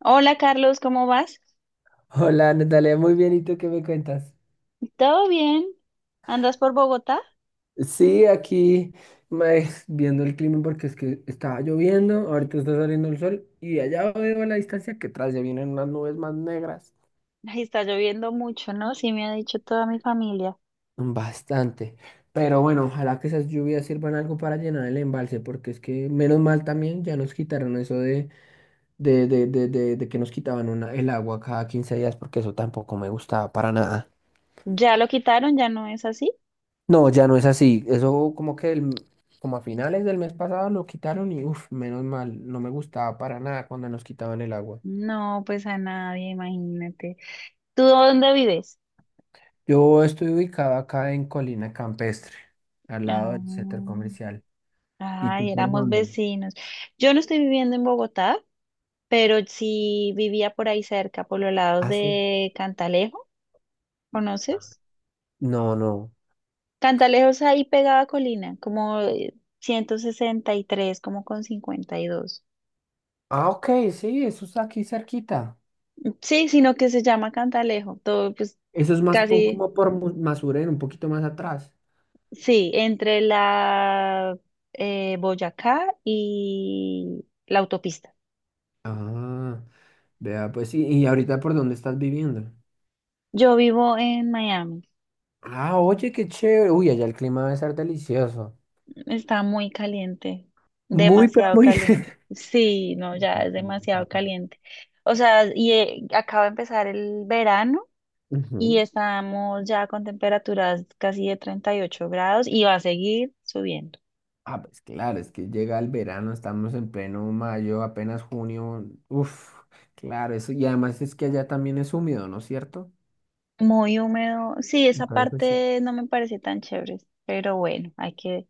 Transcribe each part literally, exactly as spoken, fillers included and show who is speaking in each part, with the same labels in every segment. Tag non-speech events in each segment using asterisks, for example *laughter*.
Speaker 1: Hola Carlos, ¿cómo vas?
Speaker 2: Hola, Natalia, muy bien. ¿Y tú qué me cuentas?
Speaker 1: ¿Todo bien? ¿Andas por Bogotá?
Speaker 2: Sí, aquí me, viendo el clima porque es que estaba lloviendo, ahorita está saliendo el sol y allá veo a la distancia que atrás ya vienen unas nubes más negras.
Speaker 1: Ay, está lloviendo mucho, ¿no? Sí, me ha dicho toda mi familia.
Speaker 2: Bastante. Pero bueno, ojalá que esas lluvias sirvan algo para llenar el embalse, porque es que menos mal también ya nos quitaron eso de, de, de, de, de, de que nos quitaban una, el agua cada quince días, porque eso tampoco me gustaba para nada.
Speaker 1: ¿Ya lo quitaron? ¿Ya no es así?
Speaker 2: No, ya no es así. Eso como que el- como a finales del mes pasado lo quitaron y uff, menos mal, no me gustaba para nada cuando nos quitaban el agua.
Speaker 1: No, pues a nadie, imagínate. ¿Tú dónde vives?
Speaker 2: Yo estoy ubicado acá en Colina Campestre, al lado del
Speaker 1: Ah,
Speaker 2: centro comercial. ¿Y tú
Speaker 1: ay,
Speaker 2: por
Speaker 1: éramos
Speaker 2: dónde?
Speaker 1: vecinos. Yo no estoy viviendo en Bogotá, pero sí vivía por ahí cerca, por los lados
Speaker 2: Ah, sí.
Speaker 1: de Cantalejo, ¿conoces?
Speaker 2: No, no.
Speaker 1: Cantalejo es ahí pegada a Colina, como eh, ciento sesenta y tres, como con cincuenta y dos.
Speaker 2: Ah, ok, sí, eso está aquí cerquita.
Speaker 1: Sí, sino que se llama Cantalejo. Todo, pues,
Speaker 2: Eso es más po-
Speaker 1: casi,
Speaker 2: como por Mu- Masuren, un poquito más atrás.
Speaker 1: sí, entre la eh, Boyacá y la autopista.
Speaker 2: Ah, vea, pues sí. ¿Y ahorita por dónde estás viviendo?
Speaker 1: Yo vivo en Miami.
Speaker 2: Ah, oye, qué chévere. Uy, allá el clima debe ser delicioso.
Speaker 1: Está muy caliente,
Speaker 2: Muy, pero
Speaker 1: demasiado
Speaker 2: muy.
Speaker 1: caliente.
Speaker 2: *laughs*
Speaker 1: Sí, no, ya es
Speaker 2: Ujú.
Speaker 1: demasiado caliente. O sea, y eh, acaba de empezar el verano y estamos ya con temperaturas casi de treinta y ocho grados y va a seguir subiendo.
Speaker 2: Ah, pues claro, es que llega el verano, estamos en pleno mayo, apenas junio. Uf, claro, eso. Y además es que allá también es húmedo, ¿no es cierto?
Speaker 1: Muy húmedo. Sí, esa
Speaker 2: Entonces, sí.
Speaker 1: parte no me parece tan chévere, pero bueno, hay que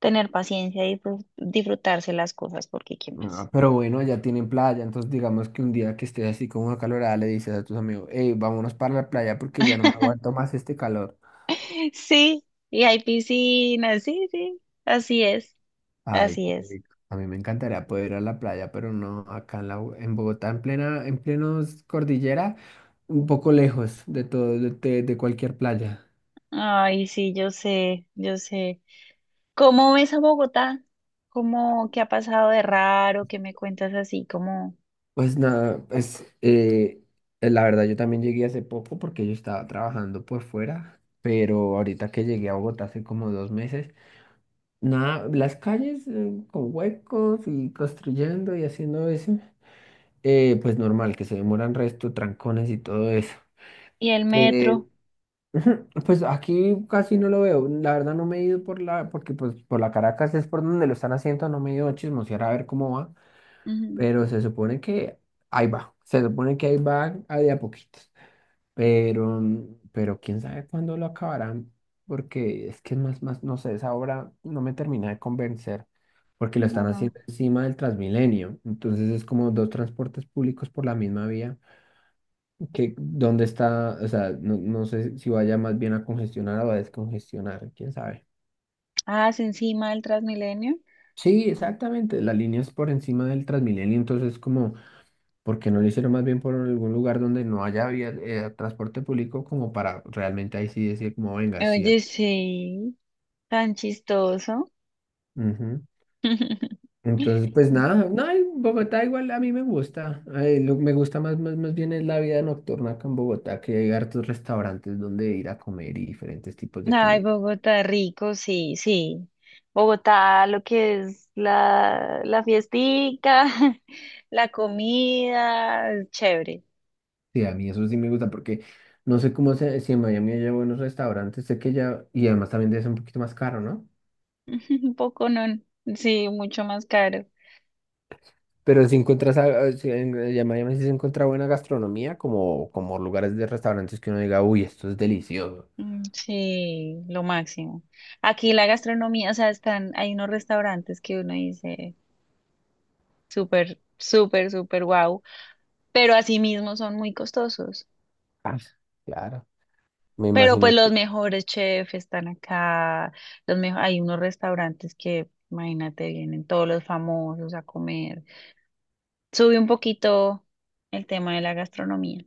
Speaker 1: tener paciencia y disfrut- disfrutarse las cosas, porque ¿qué más?
Speaker 2: Ah, pero bueno, allá tienen playa, entonces digamos que un día que estés así con una calorada le dices a tus amigos, hey, vámonos para la playa porque ya no me aguanto más este calor.
Speaker 1: *laughs* Sí, y hay piscinas, sí, sí, así es,
Speaker 2: Ay,
Speaker 1: así
Speaker 2: qué
Speaker 1: es.
Speaker 2: rico. A mí me encantaría poder ir a la playa, pero no acá en, la, Bo- en Bogotá, en plena, en plenos cordillera, un poco lejos de todo, de, de- de cualquier playa.
Speaker 1: Ay, sí, yo sé, yo sé. ¿Cómo ves a Bogotá? ¿Cómo qué ha pasado de raro? ¿Qué me cuentas así? Cómo.
Speaker 2: Pues nada, pues eh, eh, la verdad yo también llegué hace poco porque yo estaba trabajando por fuera, pero ahorita que llegué a Bogotá hace como dos meses, nada, las calles eh, con huecos y construyendo y haciendo eso, eh, pues normal, que se demoran resto, trancones y todo eso.
Speaker 1: ¿Y el
Speaker 2: Eh,
Speaker 1: metro?
Speaker 2: Ujú. Pues aquí casi no lo veo. La verdad no me he ido por la, porque pues por la Caracas es por donde lo están haciendo, no me he ido a chismosear a ver cómo va,
Speaker 1: Ujú.
Speaker 2: pero se supone que ahí va, se supone que ahí va a de a poquitos, pero, pero quién sabe cuándo lo acabarán, porque es que más, más, no sé, esa obra no me termina de convencer, porque lo están
Speaker 1: No.
Speaker 2: haciendo encima del Transmilenio, entonces es como dos transportes públicos por la misma vía que dónde está, o sea, no, no sé si vaya más bien a congestionar o a descongestionar, quién sabe.
Speaker 1: Ah, es encima del Transmilenio.
Speaker 2: Sí, exactamente, la línea es por encima del Transmilenio, entonces como, ¿por qué no lo hicieron más bien por algún lugar donde no haya vía- eh, transporte público como para realmente ahí sí decir como, venga, sí.
Speaker 1: Oye, sí, tan chistoso.
Speaker 2: Ujú.
Speaker 1: *laughs*
Speaker 2: Entonces, pues nada, no, en Bogotá igual a mí me gusta, eh, lo que me gusta más, más, más bien es la vida nocturna acá en Bogotá, que hay hartos restaurantes donde ir a comer y diferentes tipos de
Speaker 1: Ay,
Speaker 2: comida.
Speaker 1: Bogotá rico, sí, sí. Bogotá, lo que es la, la fiestica, *laughs* la comida, chévere.
Speaker 2: Sí, a mí eso sí me gusta porque no sé cómo se, si en Miami hay buenos restaurantes, sé que ya, y además también debe ser un poquito más caro, ¿no?
Speaker 1: *laughs* Un poco no, sí, mucho más caro.
Speaker 2: Pero si encuentras, a- a- si en, en Miami sí se encuentra buena gastronomía, como, como lugares de restaurantes que uno diga, uy, esto es delicioso.
Speaker 1: Mm, sí, lo máximo. Aquí la gastronomía, o sea, están, hay unos restaurantes que uno dice súper, súper, súper guau, pero asimismo son muy costosos.
Speaker 2: Ah, claro, me
Speaker 1: Pero pues
Speaker 2: imagino
Speaker 1: los
Speaker 2: que,
Speaker 1: mejores chefs están acá, los mejo- hay unos restaurantes que, imagínate, vienen todos los famosos a comer. Sube un poquito el tema de la gastronomía.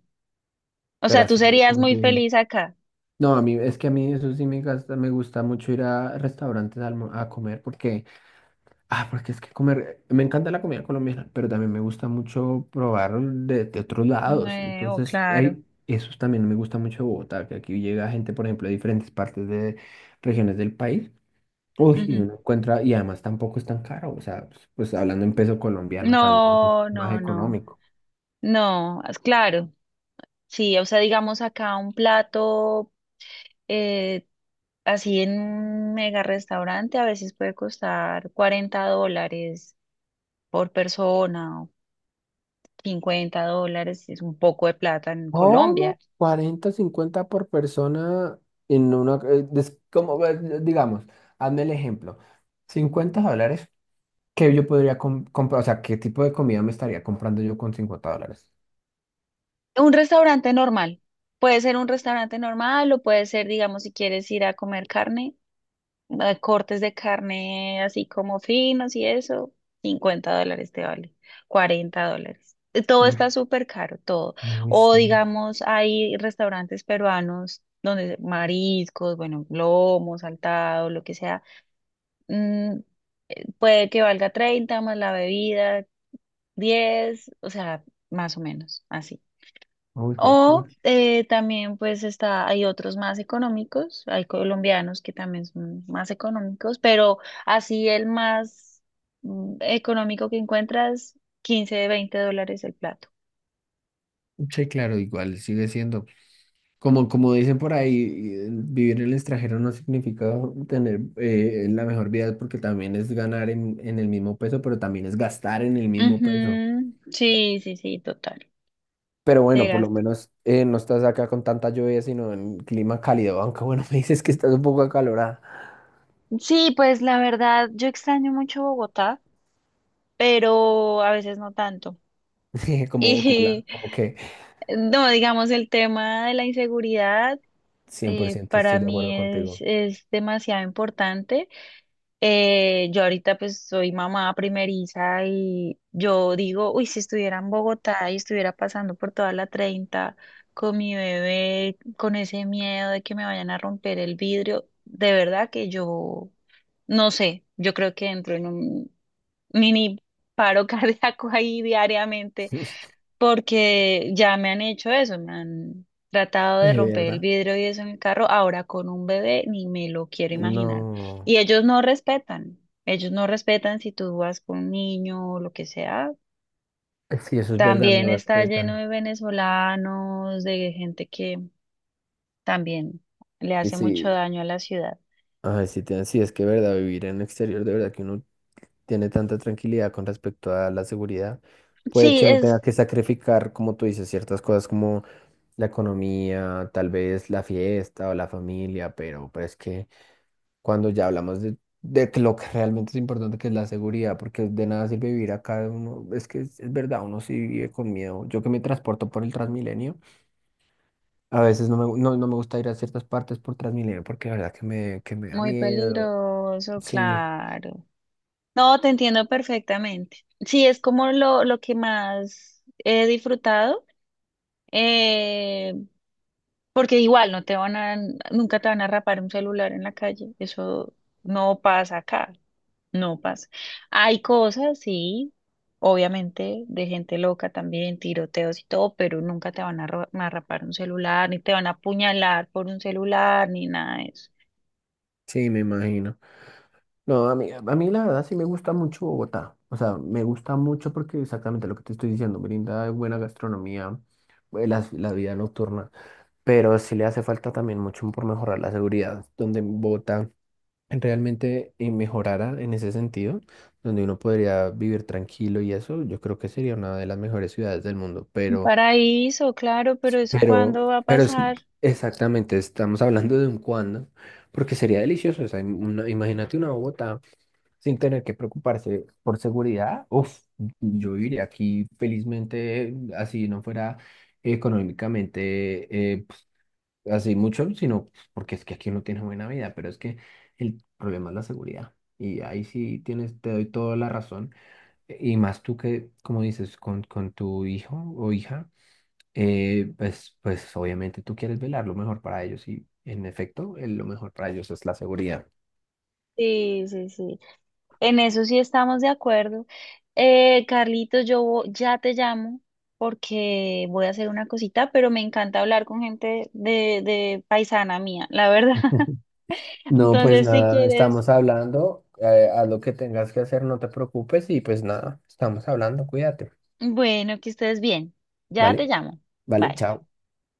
Speaker 1: O
Speaker 2: pero
Speaker 1: sea, tú
Speaker 2: así
Speaker 1: serías
Speaker 2: como
Speaker 1: muy
Speaker 2: que-
Speaker 1: feliz acá.
Speaker 2: no, a mí, es que a mí eso sí me gasta, me gusta mucho ir a restaurantes a, almo- a comer porque... Ah, porque es que comer, me encanta la comida colombiana, pero también me gusta mucho probar de, de otros lados.
Speaker 1: Nuevo,
Speaker 2: Entonces, Mm.
Speaker 1: claro.
Speaker 2: hay, eso también me gusta mucho de Bogotá, que aquí llega gente, por ejemplo, de diferentes partes de regiones del país. Uy, y
Speaker 1: Ujú.
Speaker 2: uno encuentra, y además tampoco es tan caro. O sea, pues, pues hablando en peso colombiano también es
Speaker 1: No,
Speaker 2: más
Speaker 1: no, no,
Speaker 2: económico.
Speaker 1: no, es claro. Sí, o sea, digamos acá un plato eh, así en un mega restaurante a veces puede costar cuarenta dólares por persona. Cincuenta dólares es un poco de plata en Colombia.
Speaker 2: ¿Cómo? Cuarenta, cincuenta por persona en una... eh, des- como, eh, digamos, hazme el ejemplo. Cincuenta dólares. ¿Qué yo podría com- comprar? O sea, ¿qué tipo de comida me estaría comprando yo con cincuenta dólares?
Speaker 1: Un restaurante normal. Puede ser un restaurante normal o puede ser, digamos, si quieres ir a comer carne, eh, cortes de carne así como finos y eso, cincuenta dólares te vale, cuarenta dólares. Eh, Todo está
Speaker 2: Mm,
Speaker 1: súper caro, todo.
Speaker 2: no
Speaker 1: O
Speaker 2: sé.
Speaker 1: digamos, hay restaurantes peruanos donde mariscos, bueno, lomo, saltado, lo que sea, mm, puede que valga treinta más la bebida, diez, o sea, más o menos, así.
Speaker 2: Uy,
Speaker 1: O
Speaker 2: juepucha.
Speaker 1: eh, también pues está, hay otros más económicos, hay colombianos que también son más económicos, pero así el más mm, económico que encuentras, quince de veinte dólares el plato.
Speaker 2: Che, claro, igual sigue siendo. Como, como dicen por ahí, eh, vivir en el extranjero no significa tener eh, la mejor vida porque también es ganar en, en el mismo peso, pero también es gastar en el mismo peso.
Speaker 1: Ujú, sí, sí, sí, total,
Speaker 2: Pero
Speaker 1: te
Speaker 2: bueno, por lo
Speaker 1: gasta.
Speaker 2: menos eh, no estás acá con tanta lluvia, sino en clima cálido, aunque bueno, *laughs* me dices que estás un poco acalorada,
Speaker 1: Sí, pues la verdad, yo extraño mucho Bogotá, pero a veces no tanto.
Speaker 2: *laughs* como, como, la,
Speaker 1: Y
Speaker 2: como que
Speaker 1: *laughs* no, digamos, el tema de la inseguridad.
Speaker 2: cien por
Speaker 1: Eh,
Speaker 2: ciento
Speaker 1: para
Speaker 2: estoy de acuerdo
Speaker 1: mí es,
Speaker 2: contigo.
Speaker 1: es demasiado importante. Eh, yo ahorita pues soy mamá primeriza y yo digo, uy, si estuviera en Bogotá y estuviera pasando por toda la treinta con mi bebé, con ese miedo de que me vayan a romper el vidrio, de verdad que yo no sé, yo creo que entro en un mini paro *laughs* cardíaco ahí diariamente
Speaker 2: *laughs*
Speaker 1: porque ya me han hecho eso, me han tratado de
Speaker 2: De
Speaker 1: romper el
Speaker 2: verdad.
Speaker 1: vidrio y eso en el carro, ahora con un bebé ni me lo quiero imaginar.
Speaker 2: No.
Speaker 1: Y ellos no respetan, ellos no respetan si tú vas con un niño o lo que sea.
Speaker 2: Sí, eso es verdad,
Speaker 1: También
Speaker 2: no
Speaker 1: está lleno
Speaker 2: respetan.
Speaker 1: de venezolanos, de gente que también le
Speaker 2: Y
Speaker 1: hace mucho
Speaker 2: sí,
Speaker 1: daño a la ciudad.
Speaker 2: ay, sí, te- sí, es que verdad, vivir en el exterior, de verdad que uno tiene tanta tranquilidad con respecto a la seguridad. Puede
Speaker 1: Sí,
Speaker 2: que uno tenga
Speaker 1: es
Speaker 2: que sacrificar, como tú dices, ciertas cosas como la economía, tal vez la fiesta o la familia, pero, pero es que cuando ya hablamos de, de que lo que realmente es importante, que es la seguridad, porque de nada sirve vivir acá, uno, es que es, es verdad, uno sí vive con miedo. Yo que me transporto por el Transmilenio. A veces no me, no, no me gusta ir a ciertas partes por Transmilenio porque la verdad que me, que me da
Speaker 1: muy
Speaker 2: miedo.
Speaker 1: peligroso,
Speaker 2: Sí,
Speaker 1: claro. No, te entiendo perfectamente. Sí, es como lo, lo que más he disfrutado. Eh, Porque igual no te van a, nunca te van a rapar un celular en la calle. Eso no pasa acá, no pasa. Hay cosas, sí, obviamente, de gente loca también, tiroteos y todo, pero nunca te van a, ro- a rapar un celular, ni te van a apuñalar por un celular, ni nada de eso.
Speaker 2: sí, me imagino. No, a mí, a mí la verdad sí me gusta mucho Bogotá. O sea, me gusta mucho porque exactamente lo que te estoy diciendo, brinda buena gastronomía, eh, la, la vida nocturna, pero sí le hace falta también mucho por mejorar la seguridad, donde Bogotá realmente eh, mejorara en ese sentido, donde uno podría vivir tranquilo y eso, yo creo que sería una de las mejores ciudades del mundo,
Speaker 1: Un
Speaker 2: pero...
Speaker 1: paraíso, claro, pero eso
Speaker 2: Pero,
Speaker 1: ¿cuándo va a
Speaker 2: pero es
Speaker 1: pasar?
Speaker 2: exactamente, estamos hablando de un cuándo, porque sería delicioso. O sea, im- una- imagínate una Bogotá sin tener que preocuparse por seguridad. Uf, yo viviría aquí felizmente, así no fuera económicamente eh, pues, así mucho, sino pues, porque es que aquí uno tiene buena vida, pero es que el problema es la seguridad. Y ahí sí tienes, te doy toda la razón. Y más tú que, como dices, con, con tu hijo o hija eh, pues, pues obviamente tú quieres velar lo mejor para ellos y en efecto eh, lo mejor para ellos es la seguridad.
Speaker 1: Sí, sí, sí. En eso sí estamos de acuerdo. Eh, Carlitos, yo vo- ya te llamo porque voy a hacer una cosita, pero me encanta hablar con gente de, de paisana mía, la verdad. *laughs*
Speaker 2: *laughs* No, pues
Speaker 1: Entonces, si
Speaker 2: nada,
Speaker 1: quieres,
Speaker 2: estamos hablando, eh, haz lo que tengas que hacer, no te preocupes y pues nada, estamos hablando, cuídate.
Speaker 1: bueno, que estés bien. Ya te
Speaker 2: Vale,
Speaker 1: llamo.
Speaker 2: vale,
Speaker 1: Bye.
Speaker 2: chao.